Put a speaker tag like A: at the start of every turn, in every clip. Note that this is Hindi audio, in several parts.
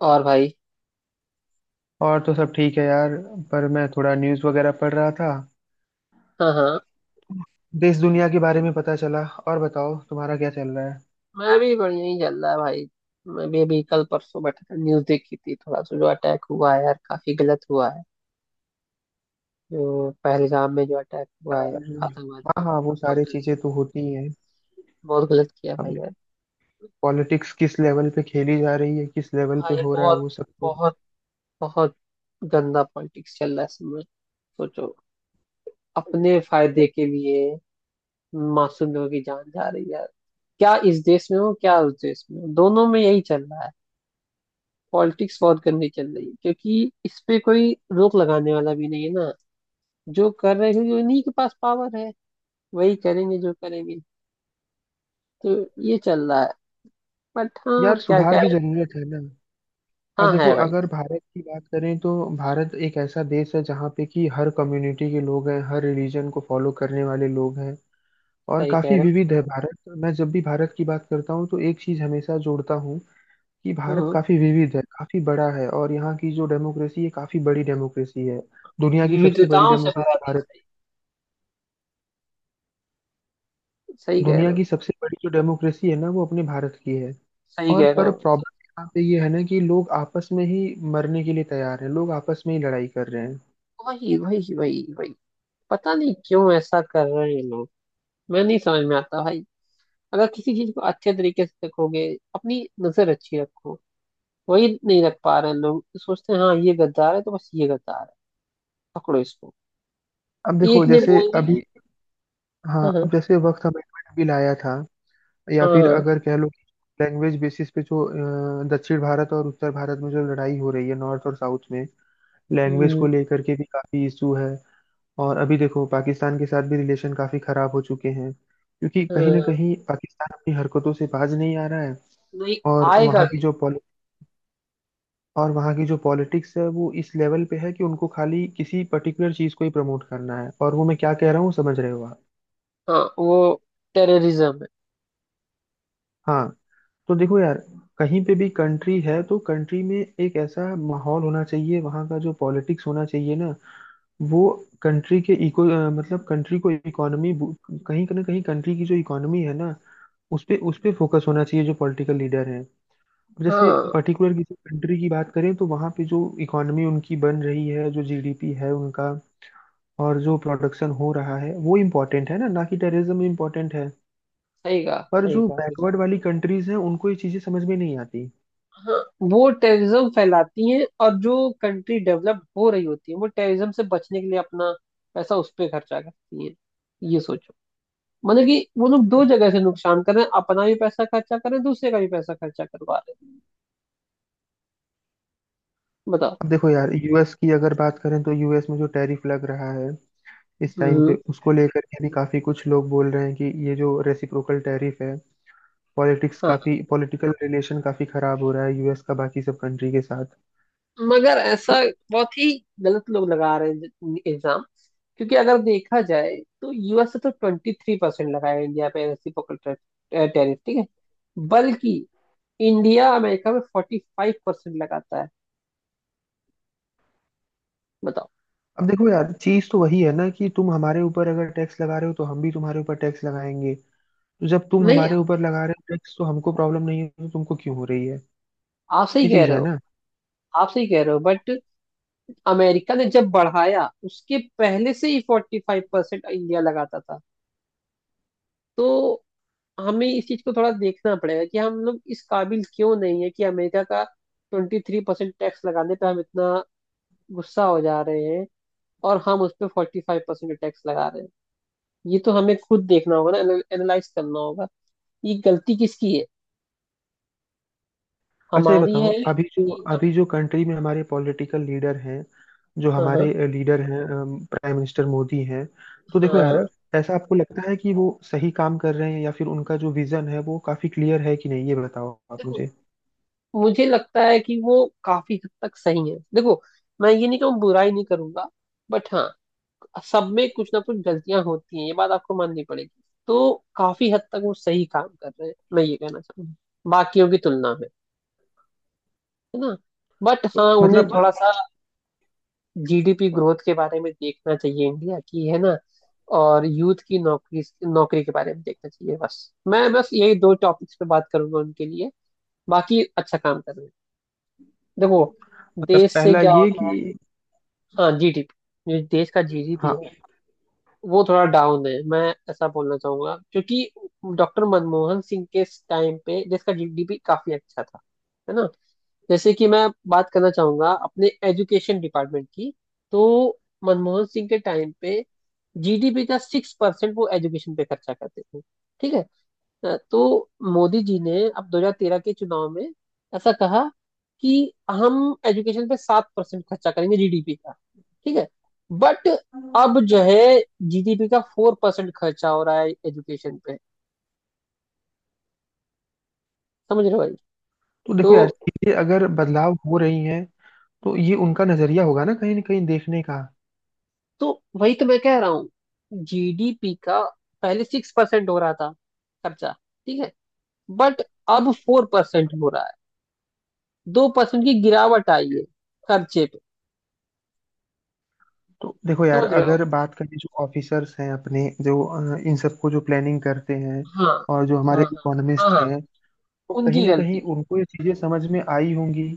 A: और भाई।
B: और तो सब ठीक है यार। पर मैं थोड़ा न्यूज़ वगैरह पढ़ रहा था।
A: हाँ हाँ।
B: देश दुनिया के बारे में पता चला। और बताओ तुम्हारा क्या चल रहा है।
A: मैं भी बढ़िया ही चल रहा है भाई। मैं भी अभी कल परसों बैठा था, न्यूज देखी थी थोड़ा सा। जो अटैक हुआ है यार काफी गलत हुआ है। जो पहलगाम में जो अटैक हुआ है
B: और-
A: आतंकवाद पे,
B: हाँ हाँ, वो
A: बहुत
B: सारी
A: गलत।
B: चीजें तो होती ही हैं।
A: बहुत गलत किया भाई
B: अब
A: यार।
B: पॉलिटिक्स किस लेवल पे खेली जा रही है, किस लेवल पे
A: भाई
B: हो रहा है,
A: बहुत
B: वो सब तो
A: बहुत बहुत गंदा पॉलिटिक्स चल रहा है इसमें। सोचो, अपने फायदे के लिए मासूम लोगों की जान जा रही है यार। क्या इस देश में हो क्या उस देश में हो, दोनों में यही चल रहा है। पॉलिटिक्स बहुत गंदी चल रही है, क्योंकि इस पे कोई रोक लगाने वाला भी नहीं है ना। जो कर रहे हैं क्योंकि उन्हीं के पास पावर है, वही करेंगे जो करेंगे। तो ये चल रहा है। बट हाँ,
B: यार
A: क्या
B: सुधार
A: क्या
B: की
A: है।
B: जरूरत है ना। अब
A: हाँ
B: देखो,
A: है भाई।
B: अगर भारत की बात करें तो भारत एक ऐसा देश है जहाँ पे कि हर कम्युनिटी के लोग हैं, हर रिलीजन को फॉलो करने वाले लोग हैं, और
A: सही कह
B: काफी
A: रहे हो।
B: विविध है भारत। मैं जब भी भारत की बात करता हूँ तो एक चीज हमेशा जोड़ता हूँ कि भारत
A: हम्म,
B: काफी विविध है, काफी बड़ा है, और यहाँ की जो डेमोक्रेसी है काफी बड़ी डेमोक्रेसी है। दुनिया की सबसे बड़ी
A: विविधताओं से भरा
B: डेमोक्रेसी
A: देश
B: भारत।
A: है। सही कह
B: दुनिया
A: रहे हो।
B: की सबसे बड़ी जो डेमोक्रेसी है ना, वो अपने भारत की है।
A: सही
B: और
A: कह रहे
B: पर
A: हो।
B: प्रॉब्लम यहाँ पे ये है ना कि लोग आपस में ही मरने के लिए तैयार हैं, लोग आपस में ही लड़ाई कर रहे हैं।
A: वही वही वही वही, पता नहीं क्यों ऐसा कर रहे हैं ये लोग। मैं नहीं समझ में आता भाई। अगर किसी चीज को अच्छे तरीके से देखोगे, अपनी नजर अच्छी रखो। वही नहीं रख पा रहे हैं लोग, तो सोचते हैं हाँ ये गद्दार है तो बस ये गद्दार है, पकड़ो इसको।
B: अब देखो
A: एक ने
B: जैसे
A: बोल दिया।
B: अभी, हाँ
A: हाँ
B: अब
A: हाँ।
B: जैसे वक्त अमेंडमेंट बिल आया था, या
A: हाँ
B: फिर
A: हाँ।
B: अगर कह लो लैंग्वेज बेसिस पे जो दक्षिण भारत और उत्तर भारत में जो लड़ाई हो रही है, नॉर्थ और साउथ में लैंग्वेज
A: हम्म।
B: को लेकर के भी काफी इशू है। और अभी देखो पाकिस्तान के साथ भी रिलेशन काफी खराब हो चुके हैं, क्योंकि कहीं ना
A: हाँ,
B: कहीं पाकिस्तान अपनी हरकतों से बाज नहीं आ रहा है।
A: नहीं,
B: और
A: आएगा
B: वहाँ
A: भी।
B: की जो पॉलि और वहाँ की जो पॉलिटिक्स है वो इस लेवल पे है कि उनको खाली किसी पर्टिकुलर चीज को ही प्रमोट करना है, और वो मैं क्या कह रहा हूँ समझ रहे हो आप।
A: हाँ वो टेररिज्म है।
B: हाँ। तो देखो यार, कहीं पे भी कंट्री है तो कंट्री में एक ऐसा माहौल होना चाहिए, वहाँ का जो पॉलिटिक्स होना चाहिए ना, वो कंट्री के मतलब कंट्री को इकोनॉमी, कहीं ना कहीं कंट्री की जो इकोनॉमी है ना, उस पे फोकस होना चाहिए जो पॉलिटिकल लीडर हैं। जैसे
A: हाँ।
B: पर्टिकुलर किसी कंट्री की बात करें तो वहाँ पे जो इकोनॉमी उनकी बन रही है, जो जीडीपी है उनका, और जो प्रोडक्शन हो रहा है वो इम्पोर्टेंट है ना, ना कि टेररिज्म इम्पोर्टेंट है।
A: सही कहा,
B: पर
A: सही
B: जो
A: कहा, बिल्कुल।
B: बैकवर्ड वाली कंट्रीज हैं उनको ये चीज़ें समझ में नहीं आती।
A: हाँ, वो टेररिज्म फैलाती हैं। और जो कंट्री डेवलप हो रही होती है वो टेररिज्म से बचने के लिए अपना पैसा उस पे खर्चा करती है। ये सोचो, मतलब कि वो लोग दो जगह से नुकसान कर रहे हैं, अपना भी पैसा खर्चा कर रहे हैं दूसरे का भी पैसा खर्चा करवा रहे हैं। बताओ।
B: अब देखो यार, यूएस की अगर बात करें तो यूएस में जो टैरिफ लग रहा है इस टाइम पे,
A: हम्म।
B: उसको लेकर के भी काफ़ी कुछ लोग बोल रहे हैं कि ये जो रेसिप्रोकल टैरिफ है, पॉलिटिक्स
A: हाँ।
B: काफ़ी, पॉलिटिकल रिलेशन काफ़ी खराब हो रहा है यूएस का बाकी सब कंट्री के साथ।
A: मगर ऐसा
B: तो
A: बहुत ही गलत लोग लगा रहे हैं एग्जाम। क्योंकि अगर देखा जाए तो यूएस से तो 23% लगाया इंडिया पे रेसिप्रोकल टैरिफ, ठीक है। बल्कि इंडिया अमेरिका में 45% लगाता है, बताओ।
B: अब देखो यार, चीज तो वही है ना कि तुम हमारे ऊपर अगर टैक्स लगा रहे हो तो हम भी तुम्हारे ऊपर टैक्स लगाएंगे। तो जब तुम
A: नहीं,
B: हमारे ऊपर लगा रहे हो टैक्स तो हमको प्रॉब्लम नहीं है, तो तुमको क्यों हो रही है।
A: आप सही
B: ये
A: कह
B: चीज
A: रहे
B: है
A: हो।
B: ना।
A: आप सही कह रहे हो बट अमेरिका ने जब बढ़ाया उसके पहले से ही 45% इंडिया लगाता था। तो हमें इस चीज को थोड़ा देखना पड़ेगा कि हम लोग इस काबिल क्यों नहीं है कि अमेरिका का 23% टैक्स लगाने पे हम इतना गुस्सा हो जा रहे हैं, और हम उस पे 45% टैक्स लगा रहे हैं। ये तो हमें खुद देखना होगा ना, एनालाइज करना होगा। ये गलती किसकी है?
B: अच्छा ये
A: हमारी है
B: बताओ,
A: अरे
B: अभी जो
A: कि।
B: अभी जो कंट्री में हमारे पॉलिटिकल लीडर हैं, जो
A: हाँ हाँ।
B: हमारे लीडर हैं, प्राइम मिनिस्टर मोदी हैं, तो देखो यार,
A: हाँ।
B: ऐसा आपको लगता है कि वो सही काम कर रहे हैं या फिर उनका जो विजन है वो काफी क्लियर है कि नहीं, ये बताओ आप
A: देखो,
B: मुझे।
A: मुझे लगता है कि वो काफी हद तक सही है। देखो, मैं ये नहीं कहूँ, बुराई नहीं करूंगा। बट हाँ, सब में कुछ ना कुछ गलतियां होती हैं ये बात आपको माननी पड़ेगी। तो काफी हद तक वो सही काम कर रहे हैं मैं ये कहना चाहूंगा, बाकियों की तुलना में, है ना। बट हाँ, उन्हें
B: मतलब
A: थोड़ा सा जीडीपी ग्रोथ के बारे में देखना चाहिए इंडिया की, है ना। और यूथ की नौकरी नौकरी के बारे में देखना चाहिए। बस यही दो टॉपिक्स पे बात करूंगा उनके लिए, बाकी अच्छा काम कर रहे हैं। देखो,
B: मतलब
A: देश से
B: पहला
A: क्या
B: ये
A: होता है।
B: कि,
A: हाँ, जीडीपी, जो देश का जीडीपी है वो थोड़ा डाउन है मैं ऐसा बोलना चाहूंगा। क्योंकि डॉक्टर मनमोहन सिंह के टाइम पे देश का जीडीपी काफी अच्छा था, है ना। जैसे कि मैं बात करना चाहूंगा अपने एजुकेशन डिपार्टमेंट की। तो मनमोहन सिंह के टाइम पे जीडीपी का 6% वो एजुकेशन पे खर्चा करते थे, ठीक है। तो मोदी जी ने अब 2013 के चुनाव में ऐसा कहा कि हम एजुकेशन पे 7% खर्चा करेंगे जीडीपी का, ठीक है। बट
B: हाँ
A: अब जो है, जीडीपी का 4% खर्चा हो रहा है एजुकेशन पे। समझ रहे हो भाई।
B: तो
A: तो
B: देखो यार, चीजें अगर बदलाव हो रही हैं तो ये उनका नजरिया होगा ना कहीं देखने का।
A: तो वही तो मैं कह रहा हूँ, जीडीपी का पहले 6% हो रहा था खर्चा, ठीक है। बट अब 4% हो रहा है, 2% की गिरावट आई है खर्चे पे।
B: तो देखो यार,
A: समझ रहे हो।
B: अगर बात करें जो ऑफिसर्स हैं अपने, जो इन सबको जो प्लानिंग करते हैं,
A: हाँ
B: और जो
A: हाँ।
B: हमारे
A: हाँ हाँ।
B: इकोनॉमिस्ट
A: हाँ,
B: हैं, तो कहीं
A: उनकी
B: ना कहीं
A: गलती।
B: उनको ये चीजें समझ में आई होंगी,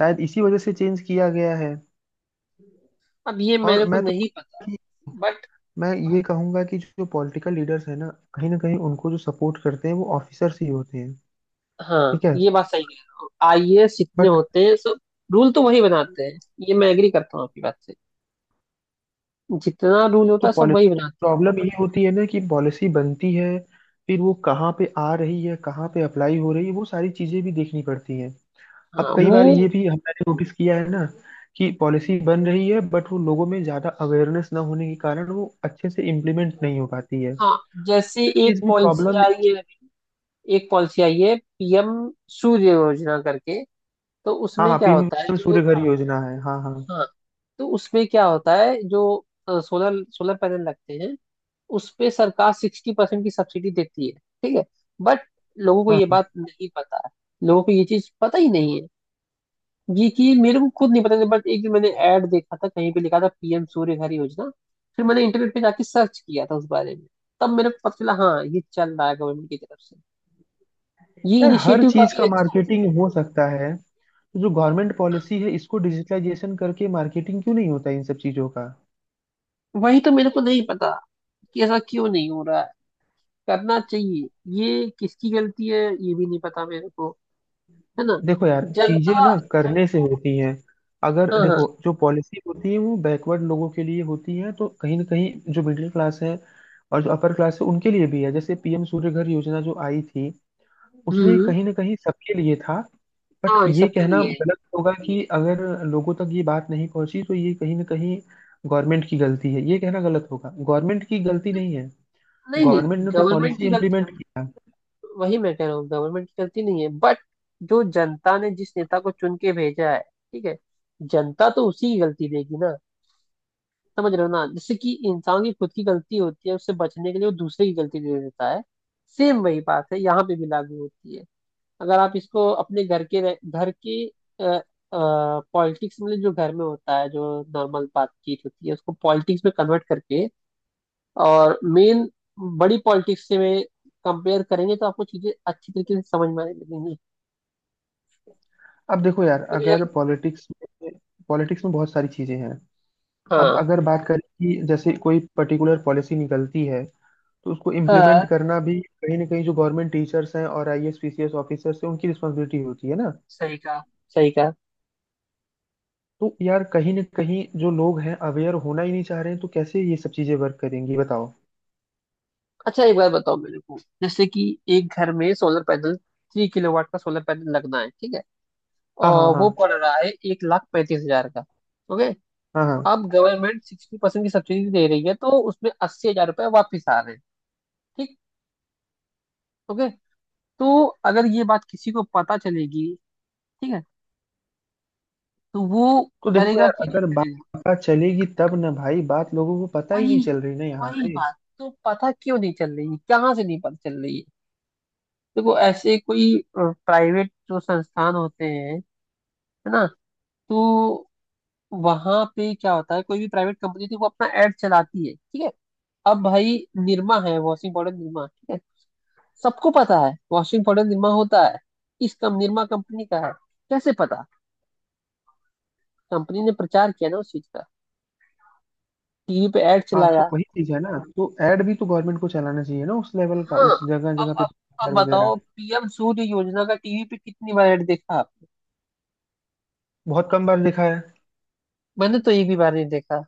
B: शायद इसी वजह से चेंज किया गया है।
A: अब ये
B: और
A: मेरे को
B: मैं तो
A: नहीं पता। बट
B: मैं ये कहूंगा कि जो पॉलिटिकल लीडर्स हैं ना, कहीं ना कहीं उनको जो सपोर्ट करते हैं वो ऑफिसर्स ही होते हैं।
A: हाँ,
B: ठीक है,
A: ये बात सही कह रहा हूँ, आईएएस जितने
B: बट
A: होते हैं सब, रूल तो वही बनाते हैं। ये मैं एग्री करता हूँ आपकी बात से, जितना रूल होता
B: तो
A: है सब
B: पॉलिसी,
A: वही बनाते
B: प्रॉब्लम ये होती है ना कि पॉलिसी बनती है, फिर वो कहाँ पे आ रही है, कहाँ पे अप्लाई हो रही है, वो सारी चीजें भी देखनी पड़ती हैं।
A: हैं।
B: अब
A: हाँ
B: कई बार
A: वो।
B: ये भी हमने नोटिस किया है ना, कि पॉलिसी बन रही है बट वो लोगों में ज्यादा अवेयरनेस ना होने के कारण वो अच्छे से इम्प्लीमेंट नहीं हो पाती है।
A: हाँ, जैसे एक
B: इसमें
A: पॉलिसी
B: प्रॉब्लम।
A: आई है, एक पॉलिसी आई है पीएम सूर्य योजना करके। तो
B: हाँ
A: उसमें
B: हाँ,
A: क्या होता है
B: पीएम
A: जो,
B: सूर्य घर हाँ, योजना है। हाँ हाँ।
A: हाँ, तो उसमें क्या होता है जो सोलर सोलर पैनल लगते हैं, उस पे सरकार 60% की सब्सिडी देती है, ठीक है। बट लोगों को
B: हाँ
A: ये
B: हाँ।
A: बात नहीं पता है, लोगों को ये चीज पता ही नहीं है। ये कि मेरे को खुद नहीं पता था, बट एक दिन मैंने ऐड देखा था, कहीं पे लिखा था पीएम सूर्य घर योजना। फिर मैंने इंटरनेट पे जाके सर्च किया था उस बारे में, तब मेरे को पता चला हाँ ये चल रहा है गवर्नमेंट की तरफ से। ये
B: यार, हर
A: इनिशिएटिव
B: चीज
A: काफी
B: का
A: अच्छा
B: मार्केटिंग हो सकता है, तो जो गवर्नमेंट पॉलिसी है इसको डिजिटलाइजेशन करके मार्केटिंग क्यों नहीं होता इन सब चीजों का।
A: है। वही तो मेरे को नहीं पता कि ऐसा क्यों नहीं हो रहा है, करना चाहिए। ये किसकी गलती है ये भी नहीं पता मेरे को, है ना।
B: देखो यार, चीजें
A: जनता।
B: ना करने से होती हैं। अगर
A: हाँ हाँ।
B: देखो जो पॉलिसी होती है वो बैकवर्ड लोगों के लिए होती है, तो कहीं ना कहीं जो मिडिल क्लास है और जो अपर क्लास है उनके लिए भी है, जैसे पीएम सूर्य घर योजना जो आई थी उसमें
A: हम्म।
B: कहीं ना कहीं सबके लिए था। बट
A: हाँ, ये
B: ये
A: सबके
B: कहना
A: लिए है।
B: गलत होगा कि अगर लोगों तक ये बात नहीं पहुंची तो ये कहीं ना कहीं गवर्नमेंट की गलती है, ये कहना गलत होगा। गवर्नमेंट की गलती नहीं है,
A: नहीं नहीं,
B: गवर्नमेंट ने तो
A: गवर्नमेंट
B: पॉलिसी
A: की गलती,
B: इम्प्लीमेंट किया।
A: वही मैं कह रहा हूँ गवर्नमेंट की गलती नहीं है। बट जो जनता ने जिस नेता को चुन के भेजा है, ठीक है, जनता तो उसी की गलती देगी ना। समझ रहे हो ना, जैसे कि इंसान की खुद की गलती होती है उससे बचने के लिए वो दूसरे की गलती दे देता है। सेम वही बात है, यहाँ पे भी लागू होती है। अगर आप इसको अपने घर के पॉलिटिक्स, मतलब जो घर में होता है जो नॉर्मल बातचीत होती है, उसको पॉलिटिक्स में कन्वर्ट करके और मेन बड़ी पॉलिटिक्स से में कंपेयर करेंगे, तो आपको चीजें अच्छी तरीके से समझ में आने लगेंगी।
B: अब देखो यार,
A: तो यार।
B: अगर पॉलिटिक्स में पॉलिटिक्स में बहुत सारी चीजें हैं। अब
A: हाँ
B: अगर बात करें कि जैसे कोई पर्टिकुलर पॉलिसी निकलती है, तो उसको इम्प्लीमेंट
A: हाँ।
B: करना भी कहीं ना कहीं जो गवर्नमेंट टीचर्स हैं और आईएएस पीसीएस ऑफिसर्स हैं उनकी रिस्पॉन्सिबिलिटी होती है ना।
A: सही कहा, सही कहा।
B: तो यार, कहीं ना कहीं जो लोग हैं अवेयर होना ही नहीं चाह रहे हैं तो कैसे ये सब चीजें वर्क करेंगी बताओ।
A: अच्छा, एक बार बताओ मेरे को, जैसे कि एक घर में सोलर पैनल 3 किलोवाट का सोलर पैनल लगना है, ठीक है।
B: हाँ हाँ,
A: और
B: हाँ
A: वो पड़ रहा है 1,35,000 का। ओके।
B: हाँ, हाँ।
A: अब गवर्नमेंट 60% की सब्सिडी दे रही है तो उसमें 80,000 रुपये वापिस आ रहे हैं। ठीक। ओके। तो अगर ये बात किसी को पता चलेगी, ठीक है, तो वो
B: तो देखो
A: करेगा
B: यार,
A: कि
B: अगर बात
A: नहीं।
B: पता चलेगी तब ना भाई, बात लोगों को पता ही
A: वही,
B: नहीं चल रही ना यहाँ
A: वही
B: पे।
A: बात तो पता क्यों नहीं चल रही है, कहाँ से नहीं पता चल रही है। देखो, ऐसे कोई प्राइवेट जो संस्थान होते हैं, है ना, तो वहां पे क्या होता है, कोई भी प्राइवेट कंपनी थी वो अपना एड चलाती है, ठीक है। अब भाई, निरमा है वॉशिंग पाउडर, निरमा, ठीक है। सबको पता है वॉशिंग पाउडर निरमा होता है। इस कम निरमा कंपनी का है, कैसे पता? कंपनी ने प्रचार किया ना उस चीज का, टीवी पे एड
B: हाँ, तो
A: चलाया।
B: वही चीज है ना, तो एड भी तो गवर्नमेंट को चलाना चाहिए ना उस लेवल का,
A: हाँ।
B: उस जगह
A: अब
B: जगह पे
A: अब अब
B: banner वगैरह।
A: बताओ, पीएम सूर्य योजना का टीवी पे कितनी बार ऐड देखा आपने?
B: बहुत कम बार देखा है।
A: मैंने तो एक भी बार नहीं देखा,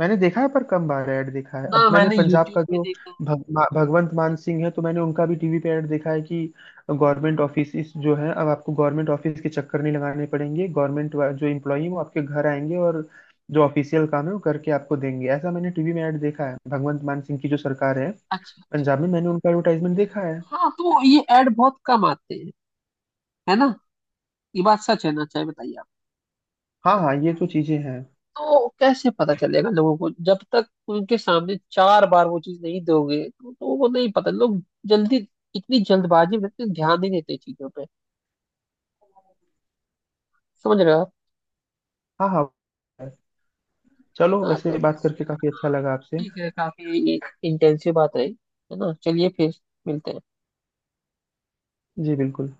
B: मैंने देखा है पर कम बार ऐड देखा है। अब
A: ना
B: मैंने
A: मैंने
B: पंजाब
A: यूट्यूब
B: का
A: पे
B: जो
A: देखा।
B: भगवंत मान सिंह है, तो मैंने उनका भी टीवी पे ऐड देखा है कि गवर्नमेंट ऑफिस जो है, अब आपको गवर्नमेंट ऑफिस के चक्कर नहीं लगाने पड़ेंगे, गवर्नमेंट जो एम्प्लॉई हैं वो आपके घर आएंगे और जो ऑफिशियल काम है वो करके आपको देंगे, ऐसा मैंने टीवी में ऐड देखा है। भगवंत मान सिंह की जो सरकार है
A: अच्छा अच्छा।
B: पंजाब में, मैंने उनका एडवर्टाइजमेंट देखा है।
A: हाँ, तो ये ऐड बहुत कम आते हैं, है ना। ये बात सच है ना, चाहे बताइए आप।
B: हाँ हाँ, ये तो चीजें हैं।
A: तो कैसे पता चलेगा लोगों को, जब तक उनके सामने 4 बार वो चीज नहीं दोगे तो लोगों को नहीं पता। लोग जल्दी, इतनी जल्दबाजी में इतना ध्यान नहीं देते चीजों पे। समझ रहे हो।
B: हाँ हाँ। चलो,
A: हाँ तो
B: वैसे बात
A: बस,
B: करके काफी अच्छा
A: हाँ,
B: लगा आपसे।
A: ठीक है। काफी इंटेंसिव बात रही, है ना। चलिए फिर मिलते हैं।
B: जी बिल्कुल।